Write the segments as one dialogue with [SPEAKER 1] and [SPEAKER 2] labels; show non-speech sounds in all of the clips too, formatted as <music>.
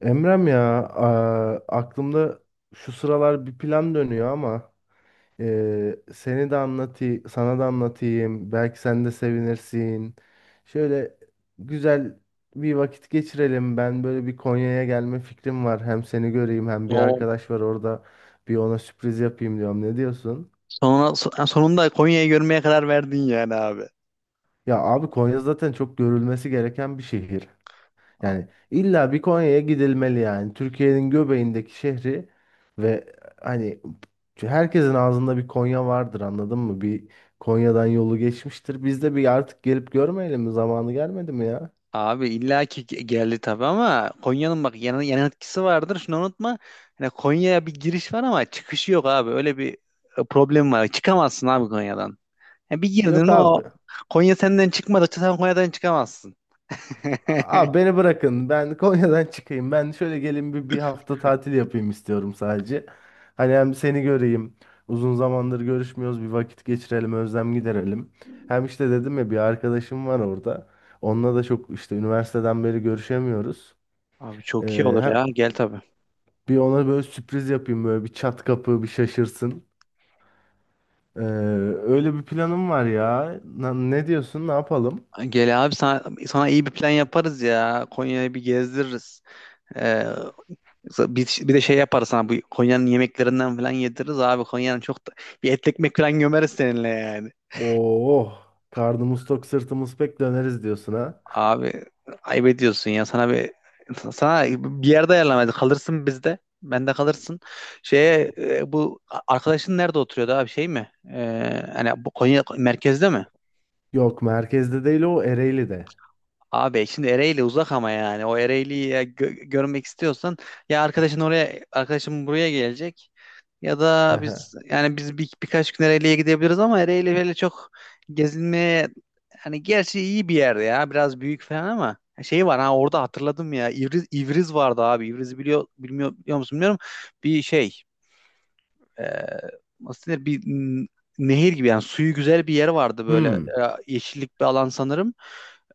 [SPEAKER 1] Emrem ya, aklımda şu sıralar bir plan dönüyor ama seni de anlatayım, sana da anlatayım. Belki sen de sevinirsin. Şöyle güzel bir vakit geçirelim. Ben böyle bir Konya'ya gelme fikrim var. Hem seni göreyim hem bir
[SPEAKER 2] O
[SPEAKER 1] arkadaş var orada. Bir ona sürpriz yapayım diyorum. Ne diyorsun?
[SPEAKER 2] sonra sonunda Konya'yı görmeye karar verdin yani abi.
[SPEAKER 1] Ya abi, Konya zaten çok görülmesi gereken bir şehir.
[SPEAKER 2] A-
[SPEAKER 1] Yani illa bir Konya'ya gidilmeli yani. Türkiye'nin göbeğindeki şehri ve hani herkesin ağzında bir Konya vardır, anladın mı? Bir Konya'dan yolu geçmiştir. Biz de bir artık gelip görmeyelim mi? Zamanı gelmedi mi ya?
[SPEAKER 2] Abi illa ki geldi tabii ama Konya'nın bak yan etkisi vardır. Şunu unutma. Yani Konya'ya bir giriş var ama çıkışı yok abi. Öyle bir problem var. Çıkamazsın abi Konya'dan. Yani bir
[SPEAKER 1] Yok
[SPEAKER 2] girdin o
[SPEAKER 1] abi.
[SPEAKER 2] Konya senden çıkmadıkça sen Konya'dan çıkamazsın. <laughs>
[SPEAKER 1] Abi beni bırakın. Ben <laughs> Konya'dan çıkayım. Ben şöyle gelin bir hafta tatil yapayım istiyorum sadece. Hani hem seni göreyim. Uzun zamandır görüşmüyoruz. Bir vakit geçirelim, özlem giderelim. Hem işte dedim ya bir arkadaşım var orada. Onunla da çok işte üniversiteden beri görüşemiyoruz.
[SPEAKER 2] Abi çok iyi olur
[SPEAKER 1] Hem
[SPEAKER 2] ya. Gel tabii.
[SPEAKER 1] bir ona böyle sürpriz yapayım, böyle bir çat kapı bir şaşırsın. Ee, Öyle bir planım var ya. Ne diyorsun? Ne yapalım?
[SPEAKER 2] Gel abi sana iyi bir plan yaparız ya. Konya'yı bir gezdiririz. E, bir de şey yaparız sana bu Konya'nın yemeklerinden falan yediririz abi. Konya'nın çok da, bir et ekmek falan gömeriz seninle yani.
[SPEAKER 1] Oo, karnımız tok, sırtımız pek döneriz diyorsun ha.
[SPEAKER 2] Abi ayıp ediyorsun ya sana bir yerde ayarlamayız. Kalırsın bizde. Bende kalırsın. Bu arkadaşın nerede oturuyordu abi şey mi? E, hani bu Konya merkezde mi?
[SPEAKER 1] Yok, merkezde değil o, Ereğli'de.
[SPEAKER 2] Abi şimdi Ereğli uzak ama yani o Ereğli'yi ya görmek istiyorsan ya arkadaşın oraya arkadaşım buraya gelecek. Ya
[SPEAKER 1] <laughs>
[SPEAKER 2] da
[SPEAKER 1] Hı.
[SPEAKER 2] biz birkaç gün Ereğli'ye gidebiliriz ama Ereğli böyle çok gezilmeye, hani gerçi iyi bir yer ya biraz büyük falan ama şey var ha orada hatırladım ya İvriz vardı abi, İvriz'i biliyor bilmiyor, biliyor musun bilmiyorum bir şey, e, nasıl denir bir nehir gibi yani suyu güzel bir yer vardı böyle,
[SPEAKER 1] Hmm.
[SPEAKER 2] yeşillik bir alan sanırım.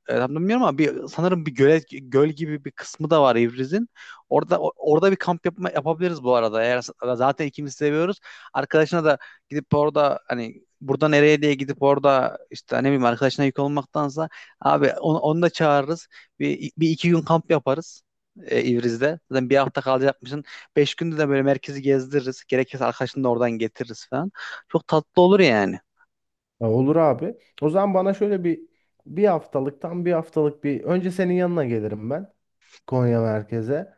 [SPEAKER 2] E, tam da bilmiyorum ama bir, sanırım bir göl gibi bir kısmı da var İvriz'in. Orada orada bir yapabiliriz bu arada. Eğer zaten ikimiz seviyoruz. Arkadaşına da gidip orada hani burada nereye diye gidip orada işte ne bileyim arkadaşına yük olmaktansa abi onu da çağırırız. Bir iki gün kamp yaparız İvriz'de. Zaten bir hafta kalacakmışsın. Beş günde de böyle merkezi gezdiririz. Gerekirse arkadaşını da oradan getiririz falan. Çok tatlı olur yani.
[SPEAKER 1] Olur abi. O zaman bana şöyle bir bir haftalık, tam bir haftalık, bir önce senin yanına gelirim ben, Konya merkeze.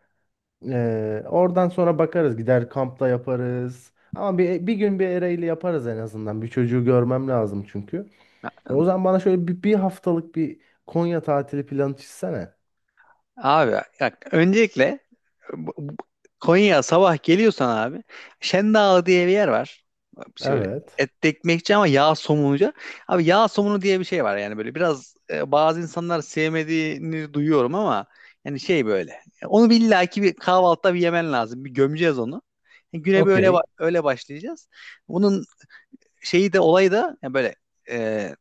[SPEAKER 1] Oradan sonra bakarız, gider kampta yaparız. Ama bir gün bir Ereğli yaparız en azından. Bir çocuğu görmem lazım çünkü. O zaman bana şöyle bir haftalık bir Konya tatili planı çizsene.
[SPEAKER 2] Abi bak öncelikle bu- bu- Konya'ya sabah geliyorsan abi Şendağ diye bir yer var. Şey böyle
[SPEAKER 1] Evet.
[SPEAKER 2] etli ekmekçi ama yağ somunucu. Abi yağ somunu diye bir şey var yani böyle biraz bazı insanlar sevmediğini duyuyorum ama yani şey böyle. Onu bir illaki bir kahvaltıda bir yemen lazım. Bir gömeceğiz onu. E, güne böyle
[SPEAKER 1] Okey.
[SPEAKER 2] öyle başlayacağız. Bunun şeyi de olayı da yani böyle, e,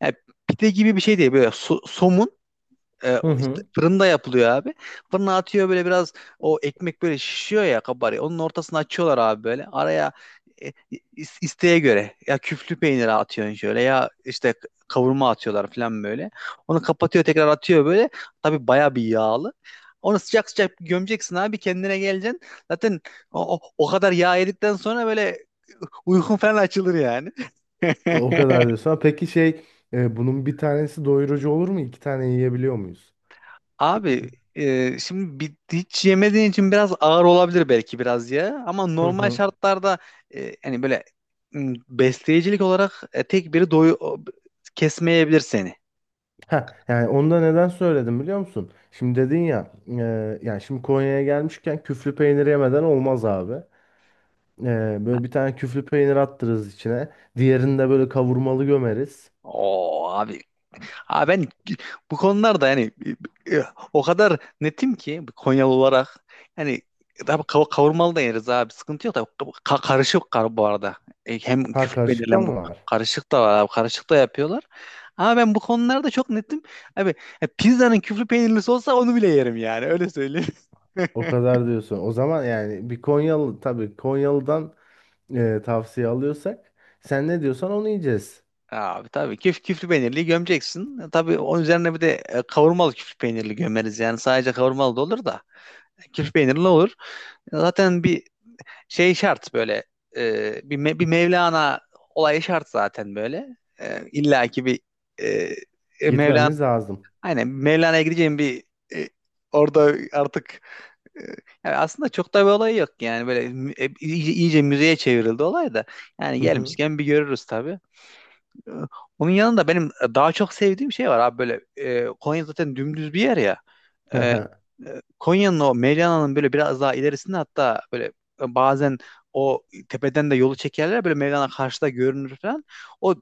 [SPEAKER 2] yani pide gibi bir şey değil. Böyle somun,
[SPEAKER 1] Hı
[SPEAKER 2] o işte
[SPEAKER 1] hı.
[SPEAKER 2] fırında yapılıyor abi. Fırına atıyor böyle biraz o ekmek böyle şişiyor ya kabarıyor. Onun ortasını açıyorlar abi böyle. Araya e, isteğe göre ya küflü peynir atıyorsun şöyle ya işte kavurma atıyorlar falan böyle. Onu kapatıyor tekrar atıyor böyle. Tabii baya bir yağlı. Onu sıcak sıcak gömeceksin abi kendine geleceksin. Zaten o kadar yağ yedikten sonra böyle, uykun falan açılır yani. <laughs>
[SPEAKER 1] O kadar diyorsun. Peki şey, bunun bir tanesi doyurucu olur mu? İki tane yiyebiliyor muyuz?
[SPEAKER 2] Abi şimdi bir, hiç yemediğin için biraz ağır olabilir belki biraz ya. Ama
[SPEAKER 1] Hı
[SPEAKER 2] normal
[SPEAKER 1] hı.
[SPEAKER 2] şartlarda, hani böyle, besleyicilik olarak tek biri kesmeyebilir seni.
[SPEAKER 1] Ha, yani onu da neden söyledim biliyor musun? Şimdi dedin ya, yani şimdi Konya'ya gelmişken küflü peynir yemeden olmaz abi. Böyle bir tane küflü peynir attırırız içine. Diğerini de böyle kavurmalı gömeriz.
[SPEAKER 2] O abi, abi ben bu konularda yani, e, e, o kadar netim ki Konyalı olarak, yani tabii kavurmalı da yeriz abi sıkıntı yok da, karışık kar bu arada. E, hem
[SPEAKER 1] Ha,
[SPEAKER 2] küflü
[SPEAKER 1] karışıkta
[SPEAKER 2] belirlem bu
[SPEAKER 1] mı var?
[SPEAKER 2] karışık da var abi karışık da yapıyorlar. Ama ben bu konularda çok netim. Abi pizzanın küflü peynirlisi olsa onu bile yerim yani öyle söyleyeyim.
[SPEAKER 1] O
[SPEAKER 2] <laughs>
[SPEAKER 1] kadar diyorsun. O zaman yani bir Konyalı, tabii Konyalı'dan tavsiye alıyorsak, sen ne diyorsan onu yiyeceğiz.
[SPEAKER 2] Abi tabii küflü peynirli gömeceksin. E, tabii onun üzerine bir de kavurmalı küflü peynirli gömeriz. Yani sadece kavurmalı da olur da. Küflü peynirli olur. E, zaten bir şey şart böyle, bir Mevlana olayı şart zaten böyle. E, illa ki bir, e, Mevlana,
[SPEAKER 1] Gitmemiz lazım.
[SPEAKER 2] aynen Mevlana'ya gideceğim bir, e, orada artık, e, yani aslında çok da bir olay yok yani böyle iyice müzeye çevrildi olay da, yani
[SPEAKER 1] Hı hı.
[SPEAKER 2] gelmişken bir görürüz tabii. E, onun yanında benim daha çok sevdiğim şey var abi böyle, Konya zaten dümdüz bir yer ya. E,
[SPEAKER 1] <laughs>
[SPEAKER 2] Konya'nın o Mevlana'nın böyle biraz daha ilerisinde hatta böyle, bazen o tepeden de yolu çekerler böyle Mevlana karşıda görünür falan. O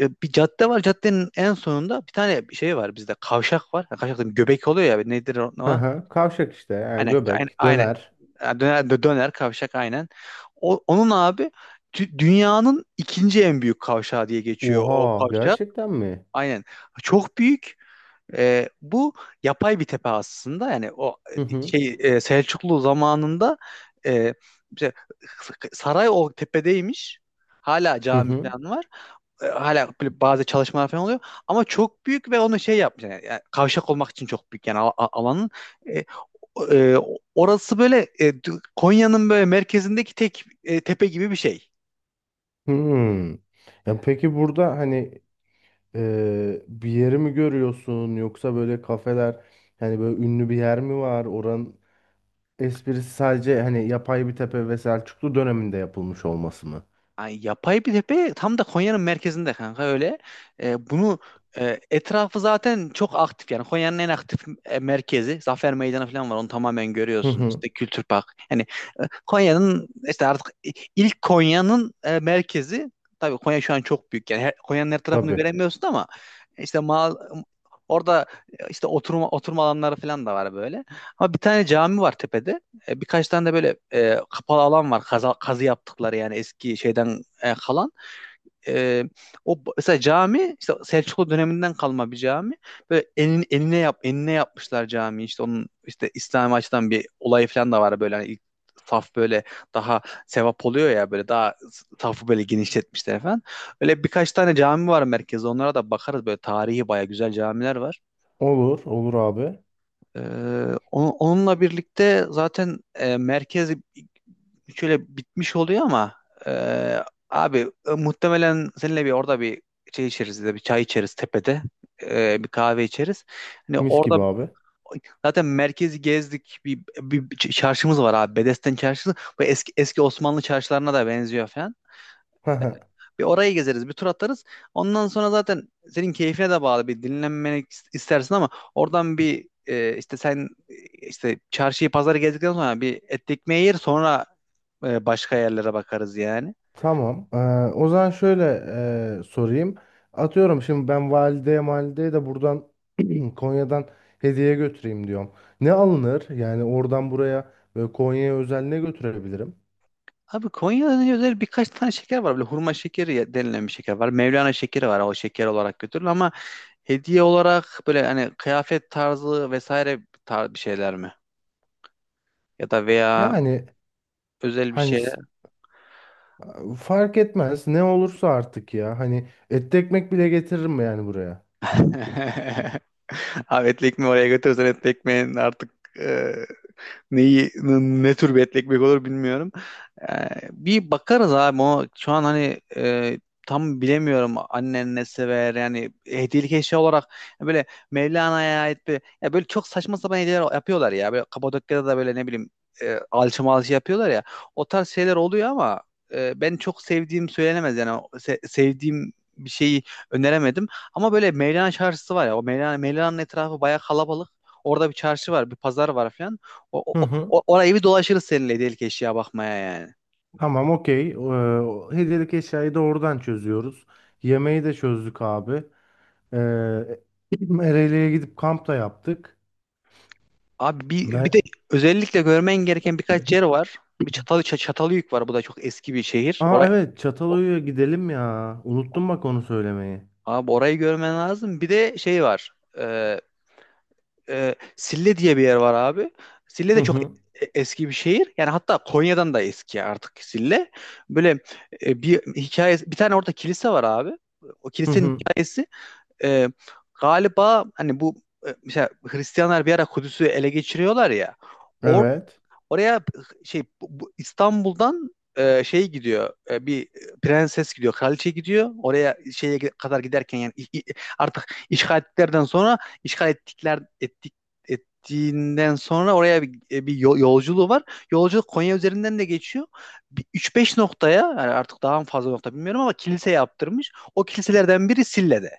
[SPEAKER 2] bir cadde var. Caddenin en sonunda bir tane şey var bizde kavşak var. Ha, kavşak dedim, göbek oluyor ya nedir o?
[SPEAKER 1] Hı hı. Kavşak işte yani,
[SPEAKER 2] Aynen, aynen,
[SPEAKER 1] göbek,
[SPEAKER 2] aynen.
[SPEAKER 1] döner.
[SPEAKER 2] Ha, döner kavşak aynen. Onun abi dünyanın ikinci en büyük kavşağı diye geçiyor o
[SPEAKER 1] Oha,
[SPEAKER 2] kavşak.
[SPEAKER 1] gerçekten mi?
[SPEAKER 2] Aynen. Çok büyük. E, bu yapay bir tepe aslında yani o,
[SPEAKER 1] Hı hı.
[SPEAKER 2] Selçuklu zamanında, e, işte saray o tepedeymiş. Hala
[SPEAKER 1] Hı
[SPEAKER 2] cami
[SPEAKER 1] hı.
[SPEAKER 2] falan var. E, hala böyle bazı çalışmalar falan oluyor. Ama çok büyük ve onu şey yapmış. Yani kavşak olmak için çok büyük yani alanın. E, o- e, orası böyle, Konya'nın böyle merkezindeki tek, tepe gibi bir şey.
[SPEAKER 1] Hmm. Ya peki burada hani, bir yeri mi görüyorsun yoksa böyle kafeler, hani böyle ünlü bir yer mi var? Oranın esprisi sadece hani yapay bir tepe ve Selçuklu döneminde yapılmış olması mı?
[SPEAKER 2] Ay, yapay bir tepe tam da Konya'nın merkezinde kanka öyle. E, bunu etrafı zaten çok aktif yani Konya'nın en aktif merkezi, Zafer Meydanı falan var onu tamamen
[SPEAKER 1] Hı
[SPEAKER 2] görüyorsun.
[SPEAKER 1] hı.
[SPEAKER 2] İşte Kültür Park. Yani Konya'nın işte artık ilk Konya'nın merkezi, tabii Konya şu an çok büyük yani her, Konya'nın her tarafını
[SPEAKER 1] Tabii.
[SPEAKER 2] göremiyorsun ama işte mal orada işte oturma alanları falan da var böyle. Ama bir tane cami var tepede. E, birkaç tane de böyle kapalı alan var. Kazı yaptıkları yani eski şeyden kalan. E, o mesela cami işte Selçuklu döneminden kalma bir cami. Böyle enine enine yapmışlar cami. İşte onun işte İslami açıdan bir olayı falan da var böyle hani ilk saf böyle daha sevap oluyor ya böyle daha safı böyle genişletmişler falan. Öyle birkaç tane cami var merkezde. Onlara da bakarız böyle tarihi baya güzel camiler var.
[SPEAKER 1] Olur, olur abi.
[SPEAKER 2] E, onunla birlikte zaten merkez şöyle bitmiş oluyor ama, e, abi muhtemelen seninle bir orada bir şey içeriz de bir çay içeriz tepede. E, bir kahve içeriz. Hani
[SPEAKER 1] Mis gibi
[SPEAKER 2] orada
[SPEAKER 1] abi.
[SPEAKER 2] zaten merkezi gezdik, bir çarşımız var abi, Bedesten çarşısı. Bu eski eski Osmanlı çarşılarına da benziyor falan.
[SPEAKER 1] Hı hı.
[SPEAKER 2] Bir orayı gezeriz, bir tur atarız. Ondan sonra zaten senin keyfine de bağlı bir dinlenmeni istersin ama oradan bir, işte çarşıyı pazarı gezdikten sonra bir et ekmeği yer sonra başka yerlere bakarız yani.
[SPEAKER 1] Tamam. O zaman şöyle sorayım. Atıyorum şimdi ben valideye malideye de buradan Konya'dan hediye götüreyim diyorum. Ne alınır? Yani oradan buraya ve Konya'ya özel ne götürebilirim?
[SPEAKER 2] Abi Konya'da özel birkaç tane şeker var. Böyle hurma şekeri denilen bir şeker var. Mevlana şekeri var. O şeker olarak götürülür ama hediye olarak böyle hani kıyafet tarzı vesaire tar bir şeyler mi? Ya da veya
[SPEAKER 1] Yani
[SPEAKER 2] özel bir
[SPEAKER 1] hani
[SPEAKER 2] şey.
[SPEAKER 1] fark etmez ne olursa artık ya. Hani etli ekmek bile getiririm yani buraya.
[SPEAKER 2] <laughs> Ahmet Ekmek'i oraya götürürsen Ahmet Ekmek'in artık, e, neyi, ne tür bir etli ekmek olur bilmiyorum. Bir bakarız abi o şu an hani tam bilemiyorum annen ne sever yani hediyelik eşya olarak böyle Mevlana'ya ait bir ya böyle çok saçma sapan hediyeler yapıyorlar ya böyle Kapadokya'da da böyle ne bileyim alçı malçı yapıyorlar ya o tarz şeyler oluyor ama ben çok sevdiğim söylenemez yani. O sevdiğim bir şeyi öneremedim ama böyle Mevlana çarşısı var ya o Mevlana'nın etrafı bayağı kalabalık, orada bir çarşı var bir pazar var falan,
[SPEAKER 1] Hı hı.
[SPEAKER 2] orayı bir dolaşırız seninle delik eşya bakmaya yani.
[SPEAKER 1] Tamam okey. O hediyelik eşyayı da oradan çözüyoruz. Yemeği de çözdük abi. Ee, <clears throat> Ereğli'ye gidip kamp da yaptık.
[SPEAKER 2] Abi bir de
[SPEAKER 1] Ben
[SPEAKER 2] özellikle görmen gereken birkaç yer
[SPEAKER 1] <clears throat>
[SPEAKER 2] var. Bir Çatalhöyük var. Bu da çok eski bir şehir.
[SPEAKER 1] Aa, evet,
[SPEAKER 2] O-
[SPEAKER 1] Çatalhöyük'e gidelim ya. Unuttum bak onu söylemeyi.
[SPEAKER 2] abi orayı görmen lazım. Bir de şey var. Ee, Sille diye bir yer var abi. Sille de
[SPEAKER 1] Hı
[SPEAKER 2] çok
[SPEAKER 1] hı.
[SPEAKER 2] eski bir şehir. Yani hatta Konya'dan da eski artık Sille. Böyle bir hikayesi, bir tane orada kilise var abi. O
[SPEAKER 1] Hı
[SPEAKER 2] kilisenin
[SPEAKER 1] hı.
[SPEAKER 2] hikayesi, e, galiba hani bu mesela Hristiyanlar bir ara Kudüs'ü ele geçiriyorlar ya. Or
[SPEAKER 1] Evet.
[SPEAKER 2] oraya şey bu İstanbul'dan gidiyor. E, bir prenses gidiyor, kraliçe gidiyor. Oraya şeye kadar giderken yani artık işgal ettiklerden sonra, işgal ettikler ettik ettiğinden sonra oraya bir, yolculuğu var. Yolculuk Konya üzerinden de geçiyor. Bir 3-5 noktaya yani artık daha mı fazla nokta bilmiyorum ama kilise yaptırmış. O kiliselerden biri Sille'de.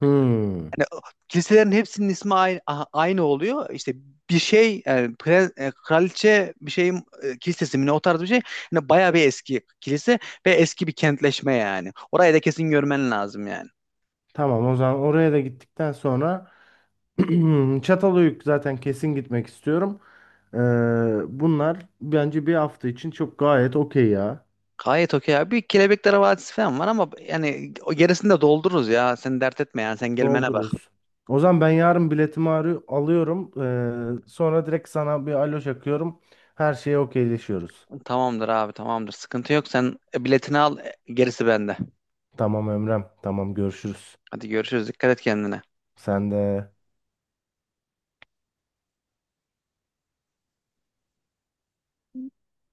[SPEAKER 1] Hmm.
[SPEAKER 2] Hani kiliselerin hepsinin ismi aynı oluyor. İşte bir şey yani kraliçe bir şeyin kilisesi mi ne o tarz bir şey. Hani bayağı bir eski kilise ve eski bir kentleşme yani. Orayı da kesin görmen lazım yani.
[SPEAKER 1] Tamam, o zaman oraya da gittikten sonra <clears throat> Çatalhöyük zaten kesin gitmek istiyorum. Ee, Bunlar bence bir hafta için çok gayet okey ya.
[SPEAKER 2] Gayet okey abi. Bir Kelebekler Vadisi falan var ama yani o gerisini de doldururuz ya. Sen dert etme yani. Sen gelmene bak.
[SPEAKER 1] Doldururuz. O zaman ben yarın biletimi alıyorum. Sonra direkt sana bir alo çakıyorum. Her şeye okeyleşiyoruz.
[SPEAKER 2] Tamamdır abi, tamamdır. Sıkıntı yok. Sen biletini al. E, gerisi bende.
[SPEAKER 1] Tamam Emrem. Tamam, görüşürüz.
[SPEAKER 2] Hadi görüşürüz. Dikkat et kendine.
[SPEAKER 1] Sen de.